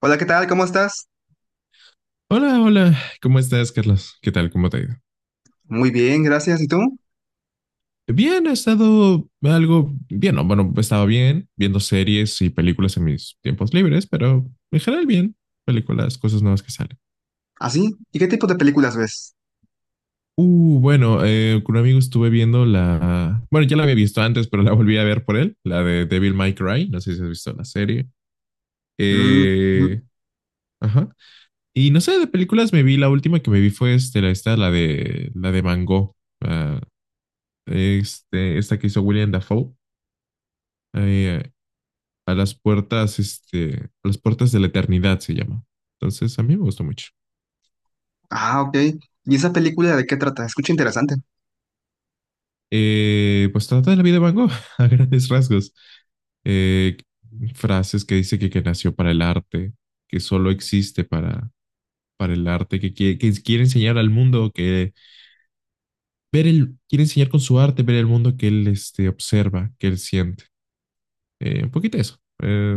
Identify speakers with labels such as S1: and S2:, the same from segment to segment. S1: Hola, ¿qué tal? ¿Cómo estás?
S2: Hola, hola, ¿cómo estás, Carlos? ¿Qué tal? ¿Cómo te ha ido?
S1: Muy bien, gracias. ¿Y tú?
S2: Bien, he estado algo bien, no, bueno, estaba bien viendo series y películas en mis tiempos libres, pero en general bien, películas, cosas nuevas que salen.
S1: ¿Ah, sí? ¿Y qué tipo de películas ves?
S2: Bueno, con un amigo estuve viendo la, bueno, ya la había visto antes, pero la volví a ver por él, la de Devil May Cry, no sé si has visto la serie.
S1: Mm, ujú.
S2: Eh, ajá. Y no sé, de películas me vi, la última que me vi fue este, la, esta, la de Mango, ah, este, esta que hizo William Dafoe. eh, a las puertas, este, a las puertas de la eternidad se llama. Entonces, a mí me gustó mucho.
S1: Ah, ok. ¿Y esa película de qué trata? Escucha interesante.
S2: Pues trata de la vida de Van Gogh a grandes rasgos. Eh, Frases que dice que nació para el arte, que solo existe para el arte, que, que quiere enseñar al mundo, que ver el, quiere enseñar con su arte, ver el mundo que él este, observa, que él siente. Un poquito eso. Eh,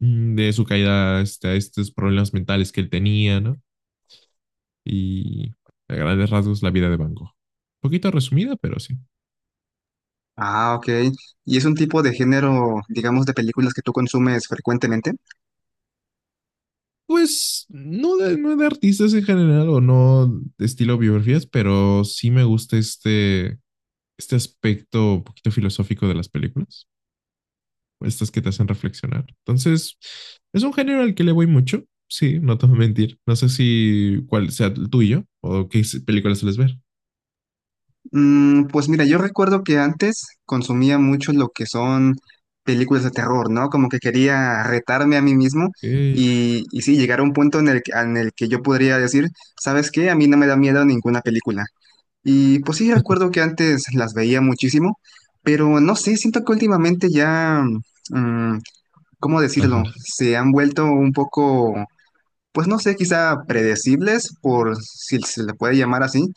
S2: mm, De su caída este, a estos problemas mentales que él tenía, ¿no? Y a grandes rasgos la vida de Van Gogh. Un poquito resumida, pero sí.
S1: Ah, ok. ¿Y es un tipo de género, digamos, de películas que tú consumes frecuentemente?
S2: Pues no de, no de artistas en general o no de estilo biografías, pero sí me gusta este, este aspecto un poquito filosófico de las películas, estas que te hacen reflexionar. Entonces, es un género al que le voy mucho, sí, no te voy a mentir. No sé si cuál sea el tuyo o qué películas sueles ver.
S1: Pues mira, yo recuerdo que antes consumía mucho lo que son películas de terror, ¿no? Como que quería retarme a mí mismo
S2: Eh,
S1: y sí, llegar a un punto en el que yo podría decir, ¿sabes qué? A mí no me da miedo ninguna película. Y pues sí, recuerdo que antes las veía muchísimo, pero no sé, siento que últimamente ya, mm, ¿cómo decirlo?
S2: Ajá.
S1: Se han vuelto un poco, pues no sé, quizá predecibles, por si se le puede llamar así,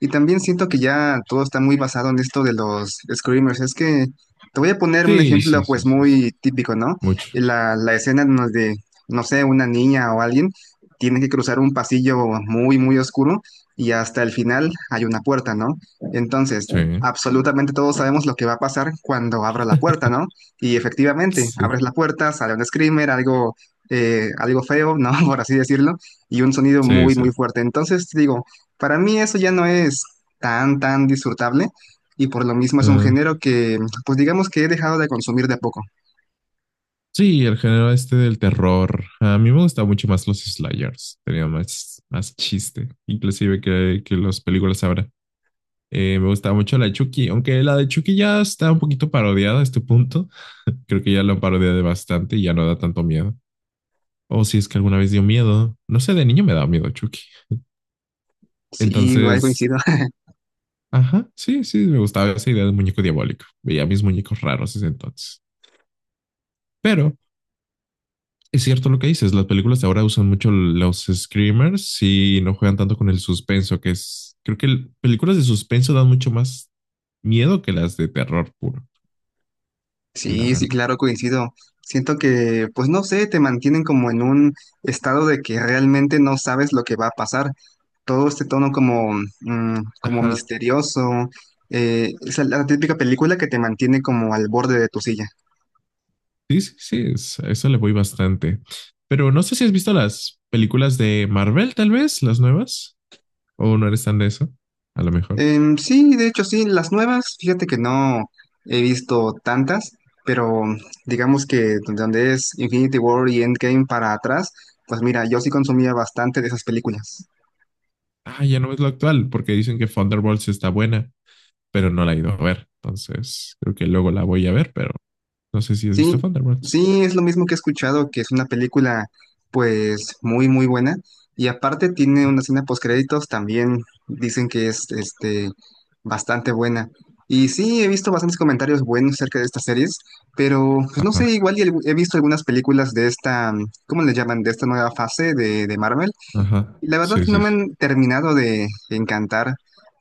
S1: y también siento que ya todo está muy basado en esto de los screamers. Es que te voy a poner un
S2: Sí,
S1: ejemplo
S2: sí, sí,
S1: pues
S2: sí, sí.
S1: muy típico, ¿no?
S2: Mucho.
S1: La escena en donde, no sé, una niña o alguien tiene que cruzar un pasillo muy, muy oscuro y hasta el final hay una puerta, ¿no? Entonces,
S2: Sí.
S1: absolutamente todos sabemos lo que va a pasar cuando abra la puerta, ¿no? Y efectivamente,
S2: Sí,
S1: abres la puerta, sale un screamer, algo algo feo, ¿no? Por así decirlo, y un sonido
S2: sí,
S1: muy,
S2: sí.
S1: muy fuerte. Entonces, digo, para mí eso ya no es tan, tan disfrutable y por lo mismo es un género
S2: Ah,
S1: que, pues digamos que he dejado de consumir de a poco.
S2: sí, el género este del terror. A mí me gustan mucho más los slayers. Tenía más, más chiste, inclusive que las películas ahora. Me gustaba mucho la de Chucky, aunque la de Chucky ya está un poquito parodiada a este punto. Creo que ya la han parodiado bastante y ya no da tanto miedo. O si es que alguna vez dio miedo. No sé, de niño me daba miedo Chucky.
S1: Sí, igual
S2: Entonces,
S1: coincido.
S2: ajá, sí, sí, me gustaba esa idea del muñeco diabólico. Veía mis muñecos raros ese entonces. Pero es cierto lo que dices, las películas de ahora usan mucho los screamers y no juegan tanto con el suspenso, que es, creo que películas de suspenso dan mucho más miedo que las de terror puro, la
S1: Sí, sí,
S2: verdad.
S1: claro, coincido. Siento que, pues no sé, te mantienen como en un estado de que realmente no sabes lo que va a pasar. Todo este tono como, como
S2: Ajá.
S1: misterioso. Eh, es la típica película que te mantiene como al borde de tu silla.
S2: Sí, sí, sí, es- a eso le voy bastante. Pero no sé si has visto las películas de Marvel, tal vez, las nuevas, o no eres tan de eso, a lo mejor.
S1: Sí, de hecho, sí, las nuevas, fíjate que no he visto tantas, pero digamos que donde es Infinity War y Endgame para atrás, pues mira, yo sí consumía bastante de esas películas.
S2: Ah, ya no es lo actual, porque dicen que Thunderbolts está buena, pero no la he ido a ver. Entonces, creo que luego la voy a ver, pero no sé si has visto
S1: Sí,
S2: Thunderbolts.
S1: sí, es lo mismo que he escuchado, que es una película pues muy, muy buena. Y aparte tiene una escena postcréditos, también dicen que es este bastante buena. Y sí, he visto bastantes comentarios buenos acerca de estas series, pero pues no sé,
S2: Ajá.
S1: igual y el- he visto algunas películas de esta, ¿cómo le llaman? De esta nueva fase de Marvel.
S2: Ajá,
S1: La verdad
S2: sí,
S1: que no
S2: sí,
S1: me
S2: sí.
S1: han terminado de encantar,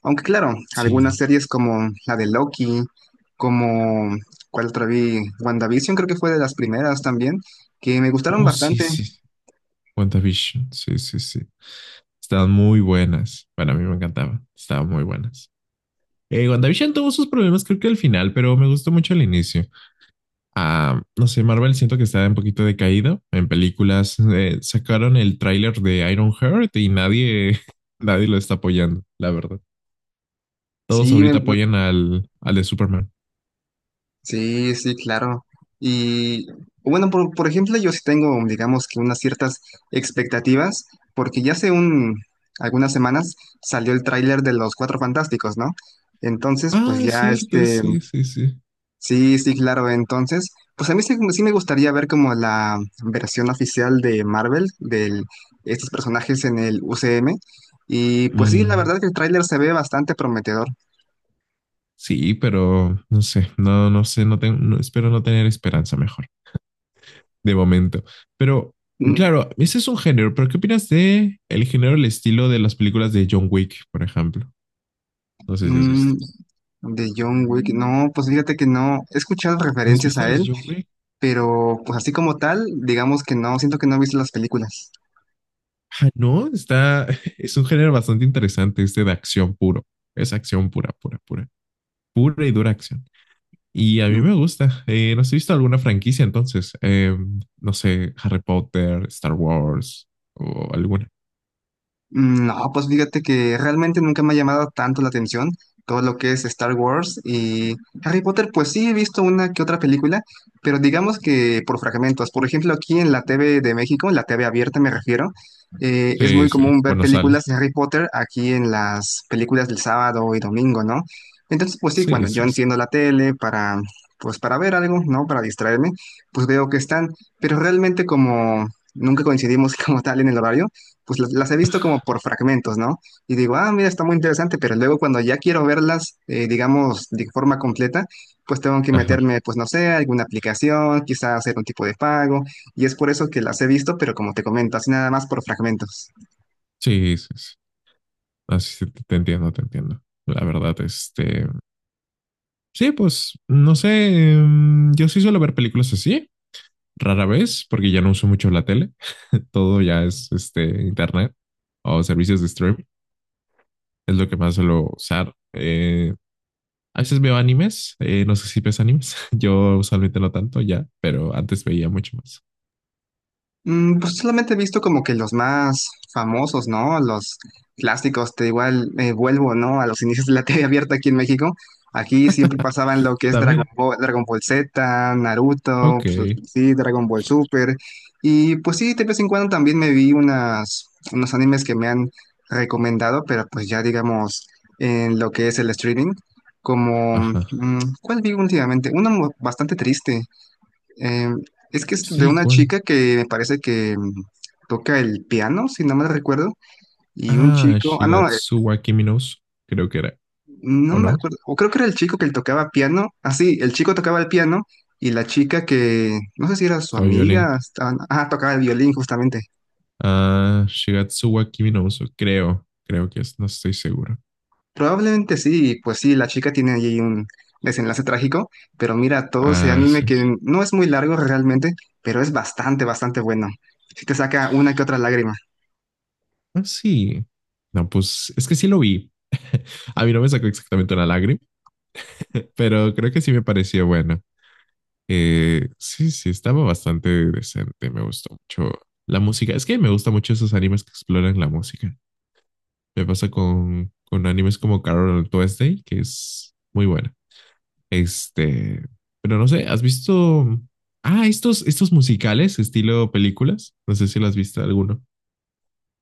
S1: aunque claro, algunas
S2: Sí,
S1: series como la de Loki, como cuál otra vi, WandaVision creo que fue de las primeras también, que me gustaron
S2: oh, sí,
S1: bastante.
S2: sí, sí. WandaVision, sí, sí, sí. Estaban muy buenas. Bueno, a mí me encantaba. Estaban muy buenas. WandaVision tuvo sus problemas, creo que al final, pero me gustó mucho el inicio. Ah, no sé, Marvel siento que está un poquito decaído en películas. Sacaron el tráiler de Iron Heart y nadie, nadie lo está apoyando, la verdad. Todos
S1: Sí,
S2: ahorita apoyan al, al de Superman.
S1: sí, sí, claro. Y bueno, por ejemplo, yo sí tengo, digamos que unas ciertas expectativas, porque ya hace un, algunas semanas salió el tráiler de Los Cuatro Fantásticos, ¿no? Entonces, pues
S2: Ah, es
S1: ya
S2: cierto,
S1: este,
S2: sí, sí, sí.
S1: sí, sí, claro. Entonces, pues a mí sí, sí me gustaría ver como la versión oficial de Marvel, de estos personajes en el UCM. Y pues sí, la
S2: Mm.
S1: verdad que el tráiler se ve bastante prometedor.
S2: Sí, pero no sé, no, no sé, no tengo, no- espero no tener esperanza mejor, de momento. Pero,
S1: Mm,
S2: claro, ese es un género, pero ¿qué opinas de el género, el estilo de las películas de John Wick, por ejemplo? No sé si has
S1: mm,
S2: visto.
S1: de John Wick, no, pues fíjate que no, he escuchado
S2: ¿No has
S1: referencias
S2: visto
S1: a
S2: las
S1: él,
S2: de John Wick?
S1: pero pues así como tal, digamos que no, siento que no he visto las películas.
S2: Ah, no, está, es un género bastante interesante, este de acción puro. Es acción pura, pura, pura. Pura y dura acción. Y a mí me gusta. No sé, ¿has visto alguna franquicia entonces? No sé, Harry Potter, Star Wars o alguna.
S1: No, pues fíjate que realmente nunca me ha llamado tanto la atención todo lo que es Star Wars y Harry Potter, pues sí he visto una que otra película, pero digamos que por fragmentos. Por ejemplo, aquí en la TV de México, en la TV abierta me refiero, es
S2: Sí,
S1: muy
S2: sí,
S1: común ver
S2: bueno, sale.
S1: películas de Harry Potter aquí en las películas del sábado y domingo, ¿no? Entonces, pues sí,
S2: Sí,
S1: cuando yo
S2: sí, sí.
S1: enciendo la tele para, pues para ver algo, ¿no? Para distraerme, pues veo que están, pero realmente como nunca coincidimos como tal en el horario pues las he visto como por fragmentos, ¿no? Y digo, ah, mira, está muy interesante, pero luego cuando ya quiero verlas, digamos, de forma completa, pues tengo que
S2: Ajá.
S1: meterme, pues no sé, a alguna aplicación, quizá hacer un tipo de pago, y es por eso que las he visto, pero como te comento, así nada más por fragmentos.
S2: Sí, sí, sí. Así sí, sí, te entiendo, te entiendo. La verdad, este. Sí, pues, no sé. Yo sí suelo ver películas así, rara vez, porque ya no uso mucho la tele. Todo ya es este internet o servicios de streaming. Es lo que más suelo usar. A veces veo animes. No sé si ves animes. Yo usualmente no tanto ya, pero antes veía mucho más.
S1: Pues solamente he visto como que los más famosos, ¿no? Los clásicos, te igual vuelvo, ¿no? A los inicios de la TV abierta aquí en México. Aquí siempre pasaban lo que es Dragon
S2: También.
S1: Ball, Dragon Ball Z, Naruto,
S2: Ok.
S1: pues, sí, Dragon Ball Super. Y pues sí, de vez en cuando también me vi unas, unos animes que me han recomendado, pero pues ya digamos en lo que es el streaming. Como,
S2: Ajá.
S1: ¿cuál vi últimamente? Uno mu- bastante triste. Eh, es que es de
S2: Sí,
S1: una
S2: ¿cuál?
S1: chica que me parece que toca el piano, si no me recuerdo, y un
S2: Ah,
S1: chico, ah, no,
S2: Shigatsu wa Kimi no Uso, creo que era,
S1: no
S2: ¿o
S1: me
S2: no?
S1: acuerdo, o creo que era el chico que tocaba piano, ah, sí, el chico tocaba el piano y la chica que, no sé si era su
S2: Tocaba violín.
S1: amiga, estaban- ah, tocaba el violín justamente.
S2: Ah, Shigatsu wa Kimi no Uso, creo, creo que es, no estoy seguro.
S1: Probablemente sí, pues sí, la chica tiene allí un desenlace trágico, pero mira, todo ese
S2: Ah,
S1: anime
S2: sí.
S1: que no es muy largo realmente, pero es bastante, bastante bueno. Si te saca una que otra lágrima.
S2: Ah, sí. No, pues es que sí lo vi. A mí no me sacó exactamente una lágrima, pero creo que sí me pareció bueno. Sí, sí, estaba bastante decente, me gustó mucho la música. Es que me gusta mucho esos animes que exploran la música. Me pasa con animes como Carol on Tuesday, que es muy buena. Este, pero no sé, ¿has visto? Ah, estos, estos musicales, estilo películas. No sé si lo has visto alguno.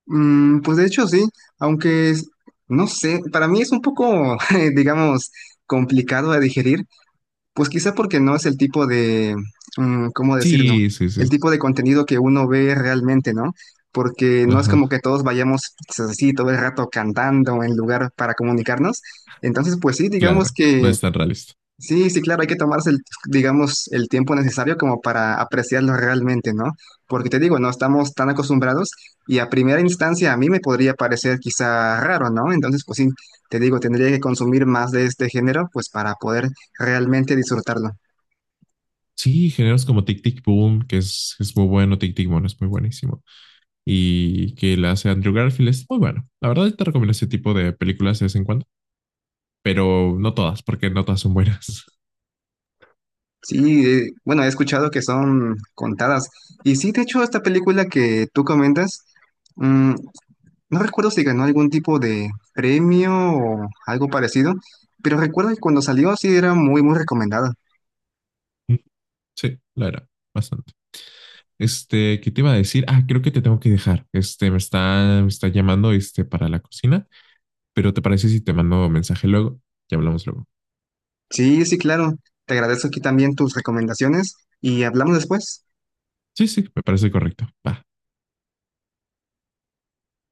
S1: Pues de hecho sí, aunque es- no sé, para mí es un poco, digamos, complicado de digerir, pues quizá porque no es el tipo de, ¿cómo decirlo?
S2: Sí, sí,
S1: El
S2: sí.
S1: tipo de contenido que uno ve realmente, ¿no? Porque no es como
S2: Ajá,
S1: que todos vayamos pues, así todo el rato cantando en lugar para comunicarnos. Entonces, pues sí, digamos
S2: claro. No
S1: que
S2: es tan realista.
S1: sí, sí, claro, hay que tomarse, el, digamos, el tiempo necesario como para apreciarlo realmente, ¿no? Porque te digo, no estamos tan acostumbrados y a primera instancia a mí me podría parecer quizá raro, ¿no? Entonces, pues sí, te digo, tendría que consumir más de este género, pues para poder realmente disfrutarlo.
S2: Sí, géneros como Tic Tic Boom, que es muy bueno, Tic Tic Boom es muy buenísimo. Y que la hace Andrew Garfield es muy bueno. La verdad te recomiendo ese tipo de películas de vez en cuando. Pero no todas, porque no todas son buenas.
S1: Sí, bueno, he escuchado que son contadas. Y sí, de hecho, esta película que tú comentas, mm, no recuerdo si ganó algún tipo de premio o algo parecido, pero recuerdo que cuando salió sí era muy, muy recomendada.
S2: Sí, la era, bastante. Este, ¿qué te iba a decir? Ah, creo que te tengo que dejar. Este, me está llamando, este, para la cocina, pero ¿te parece si te mando mensaje luego? Ya hablamos luego.
S1: Sí, sí, claro. Te agradezco aquí también tus recomendaciones y hablamos después.
S2: Sí, sí, me parece correcto. Va.